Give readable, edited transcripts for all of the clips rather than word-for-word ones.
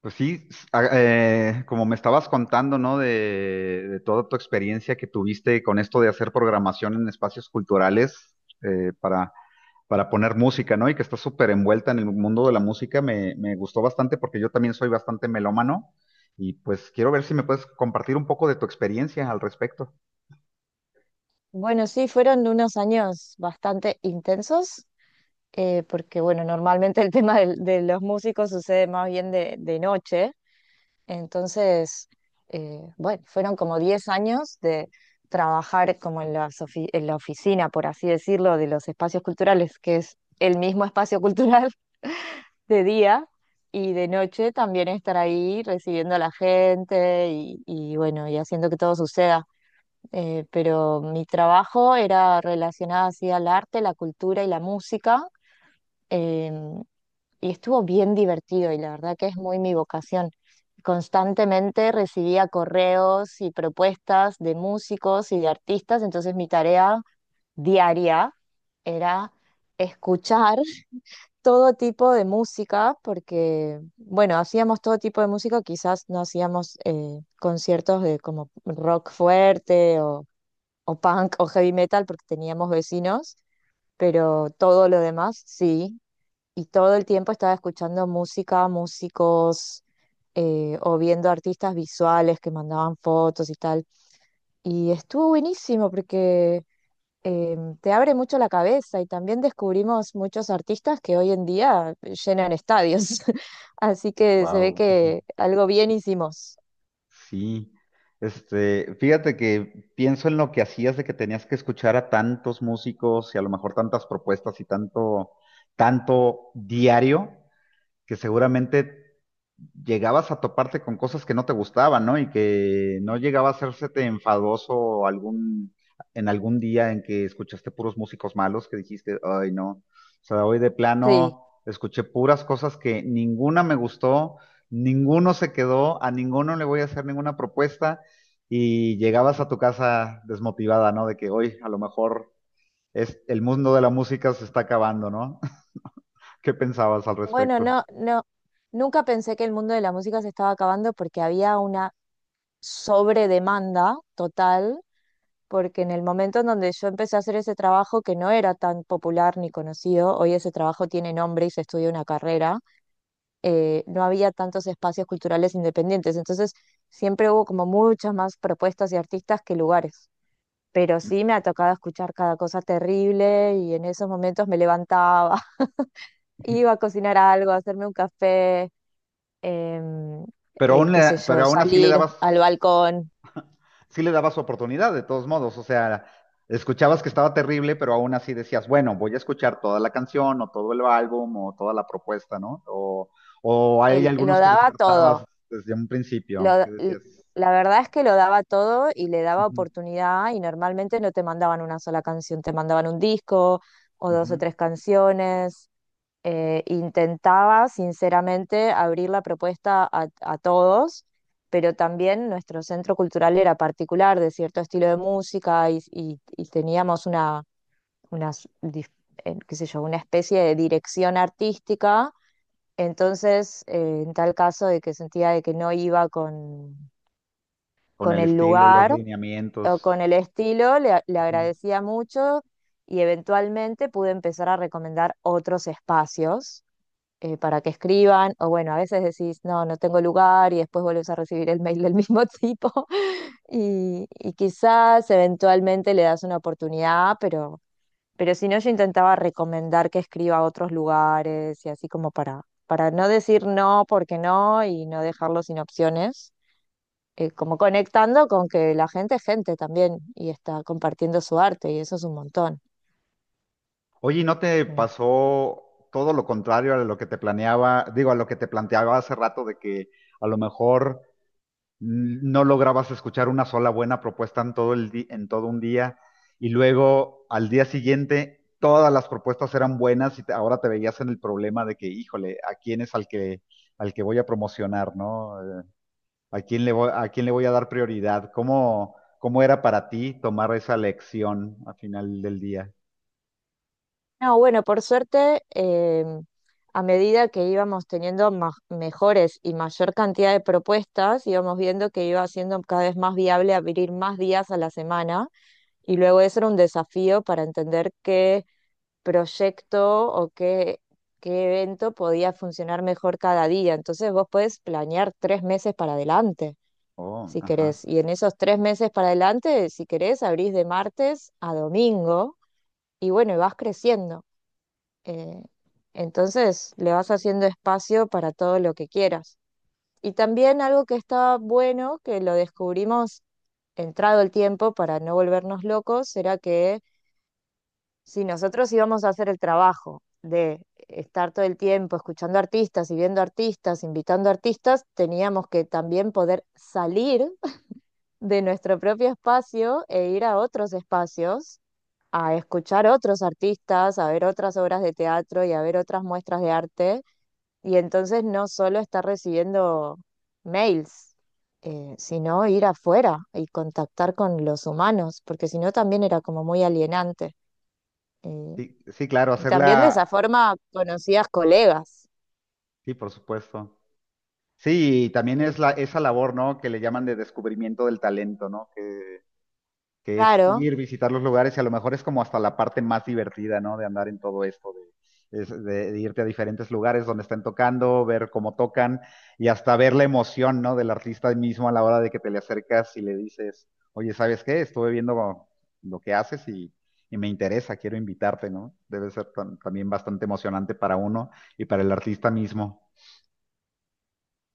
Pues sí, como me estabas contando, ¿no? De toda tu experiencia que tuviste con esto de hacer programación en espacios culturales eh, para, para poner música, ¿no? Y que estás súper envuelta en el mundo de la música, me gustó bastante porque yo también soy bastante melómano y pues quiero ver si me puedes compartir un poco de tu experiencia al respecto. Bueno, sí, fueron unos años bastante intensos, porque bueno, normalmente el tema de los músicos sucede más bien de noche. Entonces, bueno, fueron como 10 años de trabajar como en las en la oficina, por así decirlo, de los espacios culturales, que es el mismo espacio cultural de día, y de noche también estar ahí recibiendo a la gente y bueno, y haciendo que todo suceda. Pero mi trabajo era relacionado así al arte, la cultura y la música. em, y estuvo bien divertido, y la verdad que es muy mi vocación. Constantemente recibía correos y propuestas de músicos y de artistas. Entonces mi tarea diaria era escuchar todo tipo de música, porque, bueno, hacíamos todo tipo de música. Quizás no hacíamos conciertos de como rock fuerte o punk o heavy metal porque teníamos vecinos, pero todo lo demás sí. Y todo el tiempo estaba escuchando música, músicos, o viendo artistas visuales que mandaban fotos y tal. Y estuvo buenísimo porque te abre mucho la cabeza, y también descubrimos muchos artistas que hoy en día llenan estadios. Así que se ve Wow. que algo bien hicimos. Sí, este, fíjate que pienso en lo que hacías de que tenías que escuchar a tantos músicos y a lo mejor tantas propuestas y tanto diario, que seguramente llegabas a toparte con cosas que no te gustaban, ¿no? Y que no llegaba a hacérsete enfadoso en algún día en que escuchaste puros músicos malos que dijiste, ay, no. O sea, hoy de Sí. plano escuché puras cosas que ninguna me gustó, ninguno se quedó, a ninguno le voy a hacer ninguna propuesta y llegabas a tu casa desmotivada, ¿no? De que hoy a lo mejor el mundo de la música se está acabando, ¿no? ¿Qué pensabas al Bueno, respecto? no, nunca pensé que el mundo de la música se estaba acabando porque había una sobredemanda total, porque en el momento en donde yo empecé a hacer ese trabajo que no era tan popular ni conocido, hoy ese trabajo tiene nombre y se estudia una carrera. No había tantos espacios culturales independientes, entonces siempre hubo como muchas más propuestas y artistas que lugares. Pero sí me ha tocado escuchar cada cosa terrible, y en esos momentos me levantaba, iba a cocinar algo, a hacerme un café, em, qué sé Pero yo, aún así le salir dabas al balcón. sí le daba su oportunidad, de todos modos. O sea, escuchabas que estaba terrible, pero aún así decías, bueno, voy a escuchar toda la canción o todo el álbum o toda la propuesta, ¿no? O, hay Lo algunos que daba descartabas todo. desde un principio, lo- que l- decías, la verdad es que lo daba todo y le daba "Ujú, oportunidad, y normalmente no te mandaban una sola canción, te mandaban un disco o dos o ujú", tres canciones. Intentaba sinceramente abrir la propuesta a todos, pero también nuestro centro cultural era particular de cierto estilo de música, y teníamos unas qué sé yo, una especie de dirección artística. Entonces, en tal caso de que sentía de que no iba con con el el estilo, los lugar o con lineamientos. el estilo, le Ujú. agradecía mucho, y eventualmente pude empezar a recomendar otros espacios para que escriban. O bueno, a veces decís, no, no tengo lugar, y después vuelves a recibir el mail del mismo tipo, y quizás eventualmente le das una oportunidad. Pero si no, yo intentaba recomendar que escriba a otros lugares y así como para no decir no porque no y no dejarlo sin opciones, como conectando con que la gente es gente también y está compartiendo su arte, y eso es un montón. Oye, ¿y no te Eh, pasó todo lo contrario a lo que te planeaba, digo, a lo que te planteaba hace rato de que a lo mejor no lograbas escuchar una sola buena propuesta en todo un día y luego al día siguiente todas las propuestas eran buenas ahora te veías en el problema de que, híjole, ¿a quién es al que voy a promocionar, ¿no? ¿A quién le voy, a quién le voy a dar prioridad? Cómo era para ti tomar esa lección al final del día? No, bueno, por suerte, a medida que íbamos teniendo mejores y mayor cantidad de propuestas, íbamos viendo que iba siendo cada vez más viable abrir más días a la semana, y luego eso era un desafío para entender qué proyecto o qué evento podía funcionar mejor cada día. Entonces vos podés planear 3 meses para adelante, Oh, si ajá. querés. Y en esos 3 meses para adelante, si querés, abrís de martes a domingo, y bueno, y vas creciendo. Eh, entonces le vas haciendo espacio para todo lo que quieras. Y también algo que está bueno, que lo descubrimos entrado el tiempo para no volvernos locos, era que si nosotros íbamos a hacer el trabajo de estar todo el tiempo escuchando artistas y viendo artistas, invitando artistas, teníamos que también poder salir de nuestro propio espacio e ir a otros espacios, a escuchar otros artistas, a ver otras obras de teatro y a ver otras muestras de arte. Y entonces no solo estar recibiendo mails, sino ir afuera y contactar con los humanos, porque si no también era como muy alienante. Eh, Sí, sí, claro, y también de esa hacerla, forma conocías colegas. sí, por supuesto. Sí, y también Eh, es esa labor, ¿no? Que le llaman de descubrimiento del talento, ¿no? Que es claro. ir, visitar los lugares y a lo mejor es como hasta la parte más divertida, ¿no? De andar en todo esto, de irte a diferentes lugares donde están tocando, ver cómo tocan y hasta ver la emoción, ¿no? Del artista mismo a la hora de que te le acercas y le dices, oye, ¿sabes qué? Estuve viendo lo que haces y me interesa, quiero invitarte, ¿no? Debe ser también bastante emocionante para uno y para el artista mismo.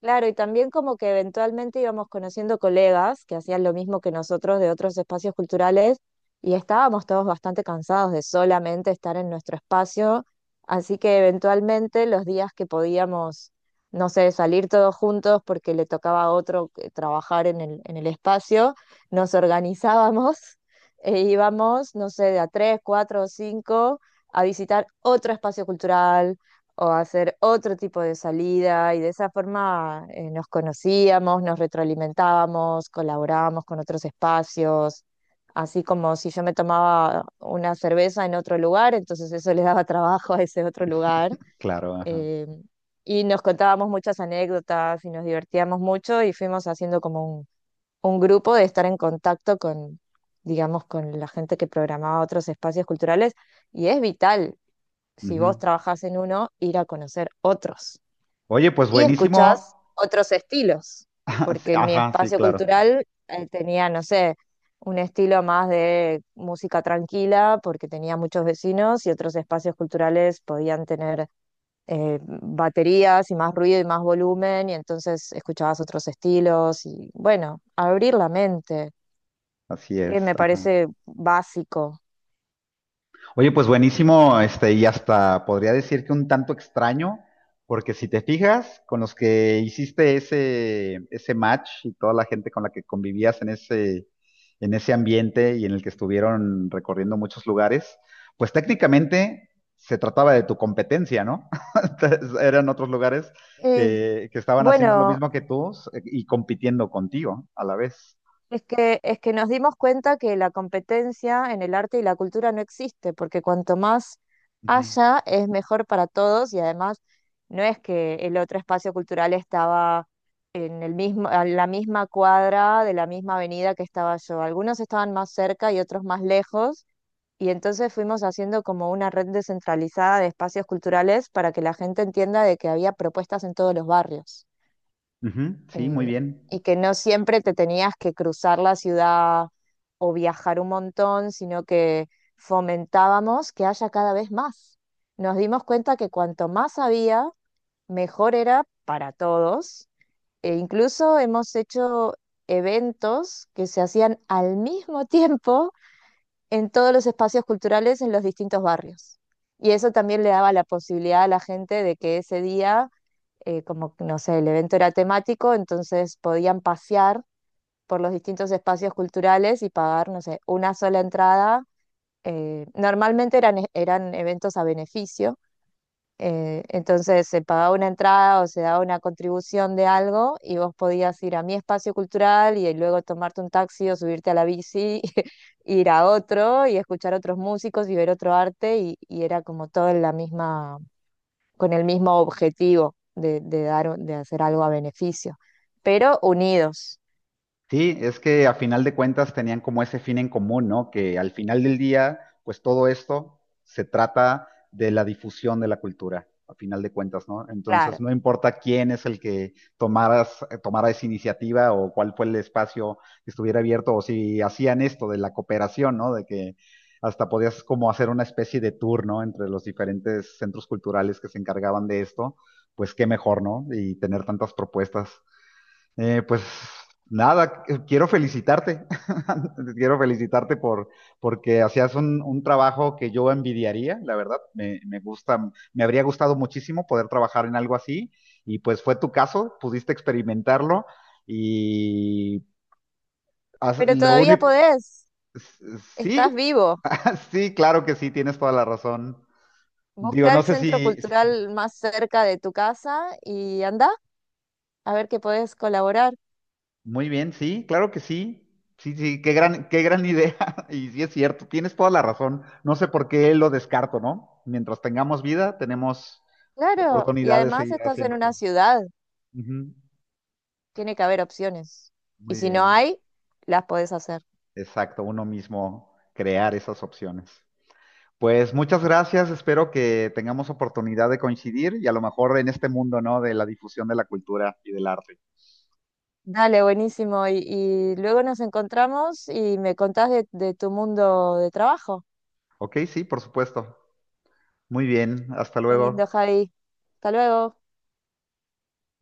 Claro, y también como que eventualmente íbamos conociendo colegas que hacían lo mismo que nosotros de otros espacios culturales, y estábamos todos bastante cansados de solamente estar en nuestro espacio. Así que eventualmente los días que podíamos, no sé, salir todos juntos porque le tocaba a otro trabajar en en el espacio, nos organizábamos e íbamos, no sé, de a tres, cuatro o cinco a visitar otro espacio cultural o hacer otro tipo de salida, y de esa forma nos conocíamos, nos retroalimentábamos, colaborábamos con otros espacios, así como si yo me tomaba una cerveza en otro lugar, entonces eso le daba trabajo a ese otro lugar. Claro, ajá. eh, y nos contábamos muchas anécdotas y nos divertíamos mucho, y fuimos haciendo como un grupo de estar en contacto con, digamos, con la gente que programaba otros espacios culturales. Y es vital si vos Ujú. trabajás en uno, ir a conocer otros. Oye, pues Y buenísimo. escuchás otros estilos, porque mi Ajá, sí, espacio claro. cultural tenía, no sé, un estilo más de música tranquila, porque tenía muchos vecinos, y otros espacios culturales podían tener baterías y más ruido y más volumen, y entonces escuchabas otros estilos y bueno, abrir la mente, Así es, me ajá. parece básico. Oye, pues buenísimo, este, y hasta podría decir que un tanto extraño, porque si te fijas, con los que hiciste ese match y toda la gente con la que convivías en en ese ambiente y en el que estuvieron recorriendo muchos lugares, pues técnicamente se trataba de tu competencia, ¿no? Entonces, eran otros lugares Y, que estaban haciendo lo bueno, mismo que tú y compitiendo contigo a la vez. es que, es que nos dimos cuenta que la competencia en el arte y la cultura no existe, porque cuanto más Ujú. haya, es mejor para todos. Y además no es que el otro espacio cultural estaba en el mismo, a la misma cuadra de la misma avenida que estaba yo. Algunos estaban más cerca y otros más lejos, y entonces fuimos haciendo como una red descentralizada de espacios culturales para que la gente entienda de que había propuestas en todos los barrios, Ujú, sí, muy eh, bien. y que no siempre te tenías que cruzar la ciudad o viajar un montón, sino que fomentábamos que haya cada vez más. Nos dimos cuenta que cuanto más había, mejor era para todos. E incluso hemos hecho eventos que se hacían al mismo tiempo en todos los espacios culturales en los distintos barrios. Y eso también le daba la posibilidad a la gente de que ese día, no sé, el evento era temático, entonces podían pasear por los distintos espacios culturales y pagar, no sé, una sola entrada. Normalmente eran, eran eventos a beneficio. Entonces se pagaba una entrada o se daba una contribución de algo, y vos podías ir a mi espacio cultural y luego tomarte un taxi o subirte a la bici, ir a otro y escuchar otros músicos y ver otro arte, y era como todo en la misma, con el mismo objetivo de dar, de hacer algo a beneficio, pero unidos, Sí, es que a final de cuentas tenían como ese fin en común, ¿no? Que al final del día, pues todo esto se trata de la difusión de la cultura, a final de cuentas, ¿no? Entonces, claro. no importa quién es el que tomaras, tomara esa iniciativa o cuál fue el espacio que estuviera abierto, o si hacían esto de la cooperación, ¿no? De que hasta podías como hacer una especie de tour, ¿no? Entre los diferentes centros culturales que se encargaban de esto, pues qué mejor, ¿no? Y tener tantas propuestas. Pues nada, quiero felicitarte. Quiero felicitarte por porque hacías un trabajo que yo envidiaría, la verdad. Me gusta, me habría gustado muchísimo poder trabajar en algo así. Y pues fue tu caso, pudiste experimentarlo. Y Pero lo todavía único, podés, estás sí, vivo. sí, claro que sí, tienes toda la razón. Digo, Busca no el sé centro si, cultural más cerca de tu casa y anda a ver que podés colaborar. muy bien, sí, claro que sí. Sí, sí, qué gran idea. Y sí es cierto, tienes toda la razón. No sé por qué lo descarto, ¿no? Mientras tengamos vida, tenemos Claro, y oportunidad de además seguir estás en haciendo una cosas. ciudad, Ujú. tiene que haber opciones. Y Muy si no bien, hay, las podés hacer. exacto, uno mismo crear esas opciones. Pues muchas gracias, espero que tengamos oportunidad de coincidir y a lo mejor en este mundo, ¿no? De la difusión de la cultura y del arte. Dale, buenísimo. Y luego nos encontramos y me contás de tu mundo de trabajo. Ok, sí, por supuesto. Muy bien, hasta Qué lindo, luego. Javi. Hasta luego.